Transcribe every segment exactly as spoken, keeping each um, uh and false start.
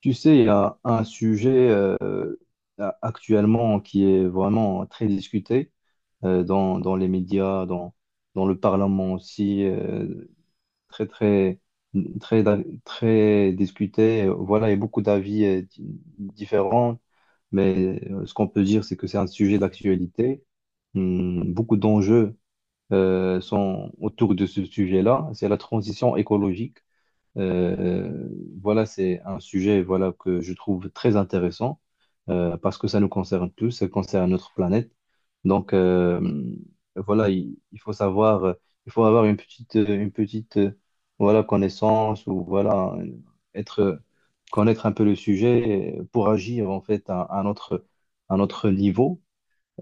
Tu sais, il y a un sujet euh, a- actuellement qui est vraiment très discuté euh, dans, dans les médias, dans, dans le Parlement aussi, euh, très, très, très, très discuté. Voilà, il y a beaucoup d'avis euh, di- différents, mais euh, ce qu'on peut dire, c'est que c'est un sujet d'actualité. Hum, beaucoup d'enjeux euh, sont autour de ce sujet-là. C'est la transition écologique. Euh, voilà, c'est un sujet voilà, que je trouve très intéressant euh, parce que ça nous concerne tous, ça concerne notre planète. Donc, euh, voilà, il, il faut savoir, euh, il faut avoir une petite, euh, une petite euh, voilà, connaissance ou voilà, euh, être, euh, connaître un peu le sujet euh, pour agir en fait à, à notre, à notre niveau.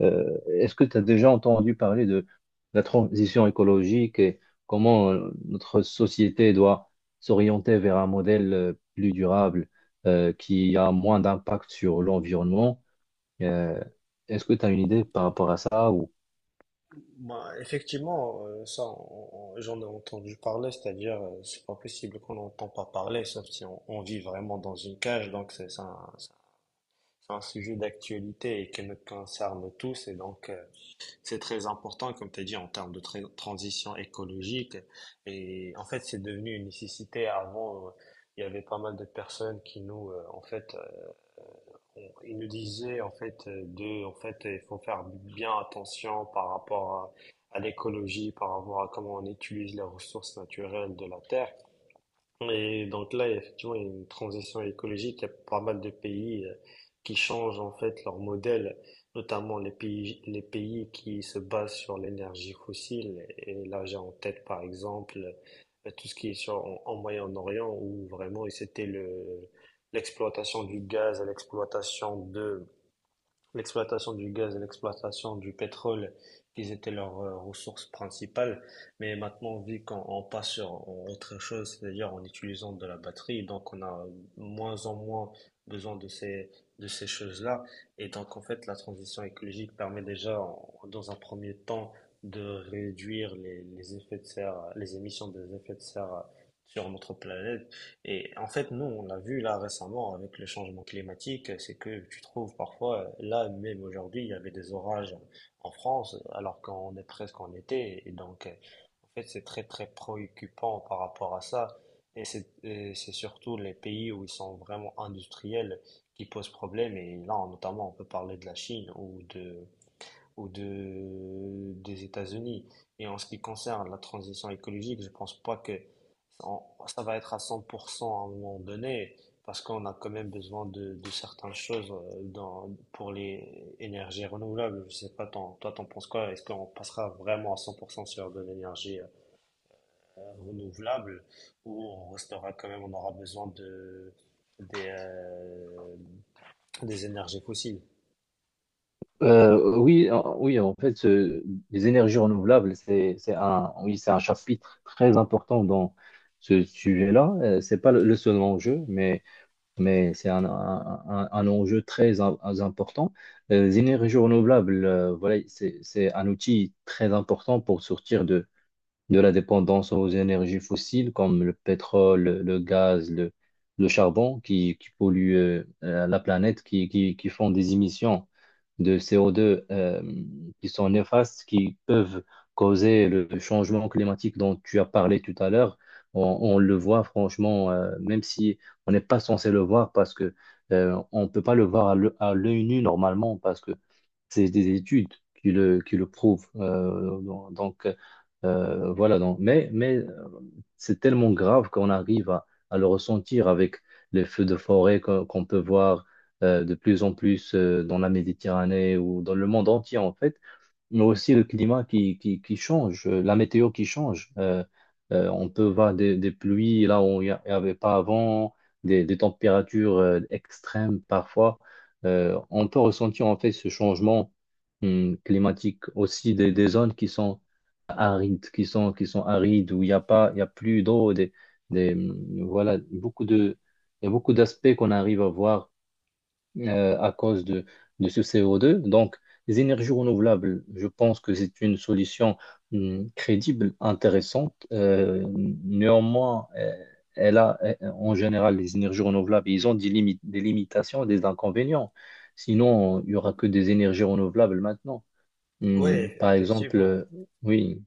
Euh, est-ce que tu as déjà entendu parler de la transition écologique et comment euh, notre société doit s'orienter vers un modèle euh, plus durable euh, qui a moins d'impact sur l'environnement? Euh, est-ce que tu as une idée par rapport à ça ou... Bah, effectivement, euh, ça, on- on- j'en ai entendu parler, c'est-à-dire, euh, c'est pas possible qu'on n'entend pas parler, sauf si on, on vit vraiment dans une cage, donc c'est c'est un, c'est un sujet d'actualité et qui nous concerne tous, et donc euh, c'est très important, comme tu as dit, en termes de tra- transition écologique, et en fait, c'est devenu une nécessité. Avant, euh, il y avait pas mal de personnes qui nous, euh, en fait, euh, on- il nous disait en fait euh, de, en fait, il faut faire bien attention par rapport à, à l'écologie, par rapport à comment on utilise les ressources naturelles de la terre. Et donc là, effectivement, il y a une transition écologique. Il y a pas mal de pays euh, qui changent en fait leur modèle, notamment les pays, les pays qui se basent sur l'énergie fossile. Et là, j'ai en tête, par exemple, euh, tout ce qui est sur, en, en Moyen-Orient, où vraiment c'était le, l'exploitation du gaz, l'exploitation de l'exploitation du gaz et l'exploitation du pétrole qui étaient leurs euh, ressources principales. Mais maintenant, vu qu'on on passe sur en autre chose, c'est-à-dire en utilisant de la batterie, donc on a moins en moins besoin de ces, de ces choses-là. Et donc, en fait, la transition écologique permet déjà, en- dans un premier temps, de réduire les, les effets de serre, les émissions des effets de serre sur notre planète. Et en fait, nous, on l'a vu là récemment avec le changement climatique, c'est que tu trouves parfois, euh, là même aujourd'hui, il y avait des orages en France, alors qu'on est presque en été. Et donc, euh, en fait, c'est très très préoccupant par rapport à ça. Et c'est et c'est surtout les pays où ils sont vraiment industriels qui posent problème. Et là, notamment, on peut parler de la Chine ou de, ou de, des États-Unis. Et en ce qui concerne la transition écologique, je pense pas que on- ça va être à cent pour cent à un moment donné, parce qu'on a quand même besoin de, de certaines choses euh, dans, pour les énergies renouvelables. Je sais pas, t'en- toi, t'en penses quoi? Est-ce qu'on passera vraiment à cent pour cent sur de l'énergie euh, renouvelable, ou on restera quand même, on aura besoin de, des, euh, des énergies fossiles? Euh, oui, en- oui, en fait, ce- les énergies renouvelables, c'est, c'est un, oui, c'est un chapitre très important dans ce sujet-là. Euh, c'est pas le le seul enjeu, mais mais c'est un, un- un- un enjeu très im- important. Euh, Les énergies renouvelables, euh, voilà, c'est c'est un outil très important pour sortir de, de la dépendance aux énergies fossiles comme le pétrole, le gaz, le, le charbon qui, qui polluent euh, euh, la planète, qui, qui, qui font des émissions de C O deux euh, qui sont néfastes, qui peuvent causer le changement climatique dont tu as parlé tout à l'heure. On, on le voit franchement, euh, même si on n'est pas censé le voir parce que euh, on ne peut pas le voir à l'œ- à l'œil nu normalement parce que c'est des études qui le, qui le prouvent. Euh, donc, euh, voilà. Donc, mais, mais c'est tellement grave qu'on arrive à, à le ressentir avec les feux de forêt qu'on qu'on peut voir euh, de plus en plus euh, dans la Méditerranée ou dans le monde entier en fait, mais aussi le climat qui, qui, qui change, euh, la météo qui change. Euh, euh, on peut voir des, des pluies là où il n'y avait pas avant, des, des températures euh, extrêmes parfois. Euh, on peut ressentir en fait ce changement hum, climatique aussi des, des zones qui sont arides, qui sont, qui sont arides, où il n'y a pas, il y a plus d'eau, des, des, voilà, beaucoup de, il y a beaucoup d'aspects qu'on arrive à voir euh, à cause de, de ce C O deux. Donc, les énergies renouvelables, je pense que c'est une solution hum, crédible, intéressante. Euh, néanmoins, euh, elle a, euh, en général, les énergies renouvelables, ils ont des limites, des limitations, des inconvénients. Sinon, il n'y aura que des énergies renouvelables maintenant. Hum, Ouais, par exemple, effectivement. euh, oui,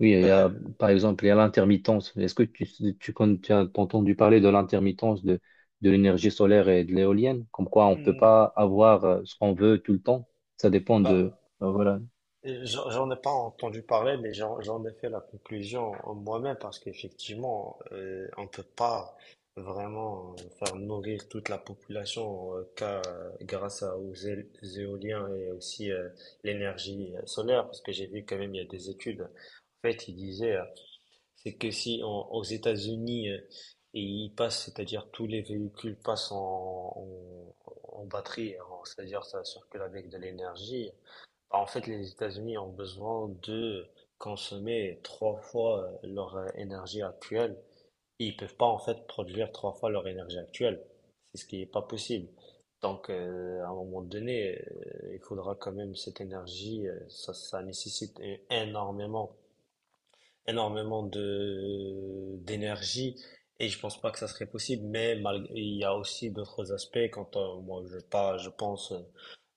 oui, il Bah, y a, euh, par exemple, il y a l'intermittence. Est-ce que tu, tu, con- tu as entendu parler de l'intermittence de, de l'énergie solaire et de l'éolienne? Comme quoi, on ne peut hmm, pas avoir euh, ce qu'on veut tout le temps. Ça dépend bah, de, euh, voilà. J'en j'en ai pas entendu parler, mais j'en j'en ai fait la conclusion moi-même parce qu'effectivement, euh, on peut pas vraiment euh, faire nourrir toute la population euh, qu'à- grâce à- aux é- éoliens et aussi euh, l'énergie euh, solaire, parce que j'ai vu quand même il y a des études. En fait, ils disaient, euh, c'est que si en- aux États-Unis, euh, et ils passent, c'est-à-dire tous les véhicules passent en, en, en batterie, en- c'est-à-dire ça circule avec de l'énergie. En fait, les États-Unis ont besoin de consommer trois fois euh, leur euh, énergie actuelle. Ils peuvent pas en fait produire trois fois leur énergie actuelle. C'est ce qui n'est pas possible. Donc, euh, à un moment donné, euh, il faudra quand même cette énergie. euh, ça, ça nécessite é- énormément, énormément de d'énergie. Et je pense pas que ça serait possible. Mais malgré- il y a aussi d'autres aspects. Quand euh, moi, je pas, je pense euh,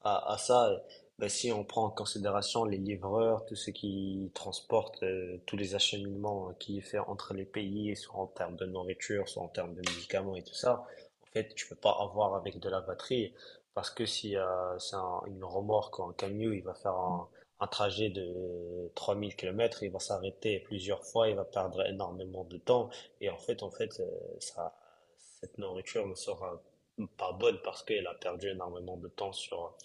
à, à ça, euh, ben, si on prend en considération les livreurs, tout ce qui transporte, euh, tous les acheminements euh, qui est fait entre les pays, soit en termes de nourriture, soit en termes de médicaments et tout ça, en fait, tu peux pas avoir avec de la batterie, parce que si euh, c'est un- une remorque ou un camion, il va faire un, un trajet de trois mille kilomètres, il va s'arrêter plusieurs fois, il va perdre énormément de temps, et en fait, en fait, euh, ça, cette nourriture ne sera pas bonne parce qu'elle a perdu énormément de temps sur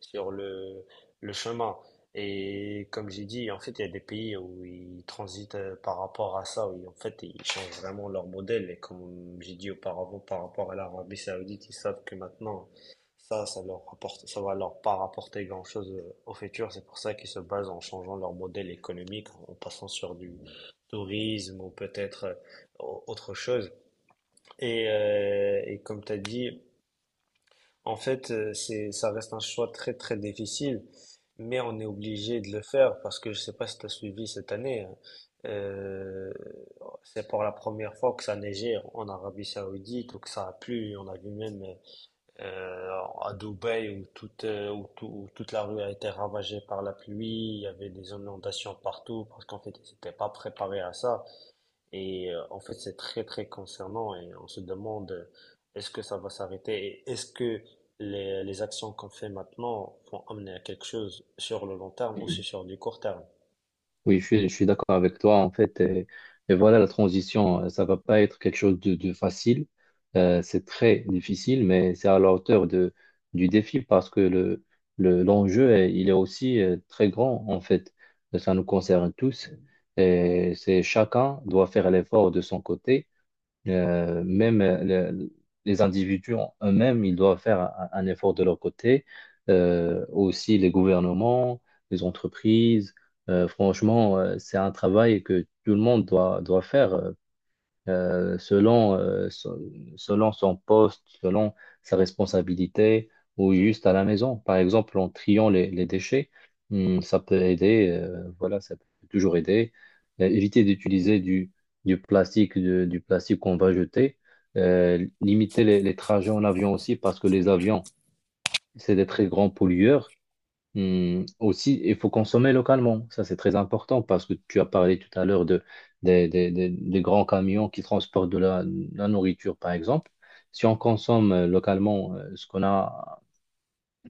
sur le, le chemin. Et comme j'ai dit, en fait, il y a des pays où ils transitent euh, par rapport à ça, où ils- en fait, ils changent vraiment leur modèle. Et comme j'ai dit auparavant, par rapport à l'Arabie Saoudite, ils savent que maintenant, ça, ça leur rapporte, ça va leur pas rapporter grand-chose euh, au futur. C'est pour ça qu'ils se basent en changeant leur modèle économique, en passant sur du tourisme ou peut-être euh, au- autre chose. Et, euh, et comme tu as dit, en fait, euh, c'est, ça reste un choix très très difficile, mais on est obligé de le faire parce que je sais pas si tu as suivi cette année. Hein. Euh, c'est pour la première fois que ça neigeait en Arabie Saoudite ou que ça a plu. On a vu même euh, à Dubaï où toute, euh, où tout- où toute la rue a été ravagée par la pluie. Il y avait des inondations partout parce qu'en fait, ils n'étaient pas préparés à ça. Et euh, en fait, c'est très, très concernant et on se demande euh, est-ce que ça va s'arrêter et est-ce que les, les actions qu'on fait maintenant vont amener à quelque chose sur le long terme ou si sur du court terme. Oui, je suis, je suis d'accord avec toi, en fait. Et, et voilà, la transition, euh, ça va pas être quelque chose de, de facile. Euh, c'est très difficile, mais c'est à la hauteur de, du défi parce que le, le, l'enjeu, est- il est aussi euh, très grand, en fait. Ça nous concerne tous. Et c'est chacun doit faire l'effort de son côté. Euh, même euh, le- les individus en eux-mêmes, ils doivent faire un, un effort de leur côté. Euh, aussi les gouvernements, les entreprises. Euh, franchement, euh, c'est un travail que tout le monde doit, doit faire. euh, euh, selon, euh, so- selon son poste, selon sa responsabilité ou juste à la maison. Par exemple, en triant les, les déchets, hum, ça peut aider, euh, voilà, ça peut toujours aider. Euh, éviter d'utiliser du, du plastique, de- du plastique qu'on va jeter. Euh, limiter les, les trajets en avion aussi parce que les avions, c'est des très grands pollueurs. Hum, aussi, il faut consommer localement. Ça, c'est très important parce que tu as parlé tout à l'heure de, des des- des- des grands camions qui transportent de la, la nourriture, par exemple. Si on consomme euh, localement euh, ce qu'on a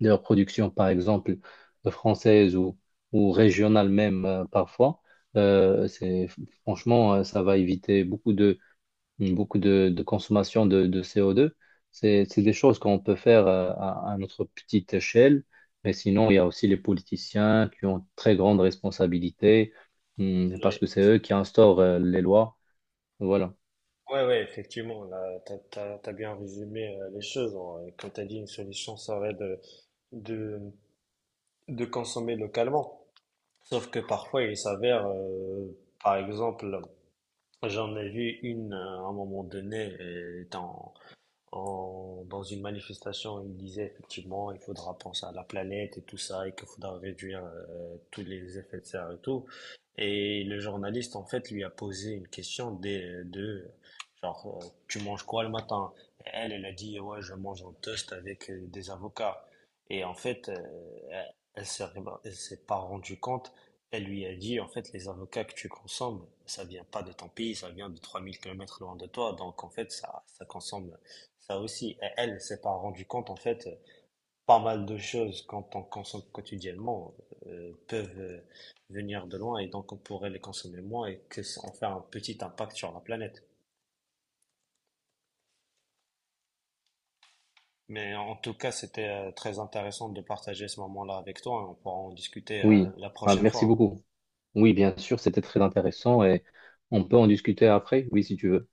de la production, par exemple, euh, française ou, ou régionale même euh, parfois, euh, c'est, franchement, euh, ça va éviter beaucoup beaucoup de, de consommation de, de C O deux. C'est, c'est des choses qu'on peut faire euh, à, à notre petite échelle, mais sinon, il y a aussi les politiciens qui ont très grande responsabilité hum, parce que Oui, c'est eux qui instaurent euh, les lois. Voilà. ouais, ouais, effectivement, là, t'as, t'as, t'as bien résumé euh, les choses. Hein. Et comme t'as dit, une solution serait de, de, de consommer localement. Sauf que parfois, il s'avère, euh, par exemple, j'en ai vu une euh, à un moment donné, euh, étant en- dans une manifestation, il disait effectivement, il faudra penser à la planète et tout ça, et qu'il faudra réduire euh, tous les effets de serre et tout. Et le journaliste, en fait, lui a posé une question des- de, genre, euh, tu manges quoi le matin? Et Elle, elle a dit, ouais, je mange un toast avec euh, des avocats. Et en fait, euh, elle, elle s'est elle s'est pas rendue compte. Elle lui a dit, en fait, les avocats que tu consommes, ça vient pas de ton pays, ça vient de trois mille kilomètres loin de toi. Donc, en fait, ça, ça consomme ça aussi, et elle ne s'est pas rendu compte en fait euh, pas mal de choses quand on consomme quotidiennement euh, peuvent euh, venir de loin et donc on pourrait les consommer moins et que ça- en faire un petit impact sur la planète. Mais en tout cas, c'était euh, très intéressant de partager ce moment-là avec toi, et on pourra en discuter euh, Oui. la Ah, prochaine merci fois. beaucoup. Oui, bien sûr, c'était très intéressant et on peut en discuter après. Oui, si tu veux.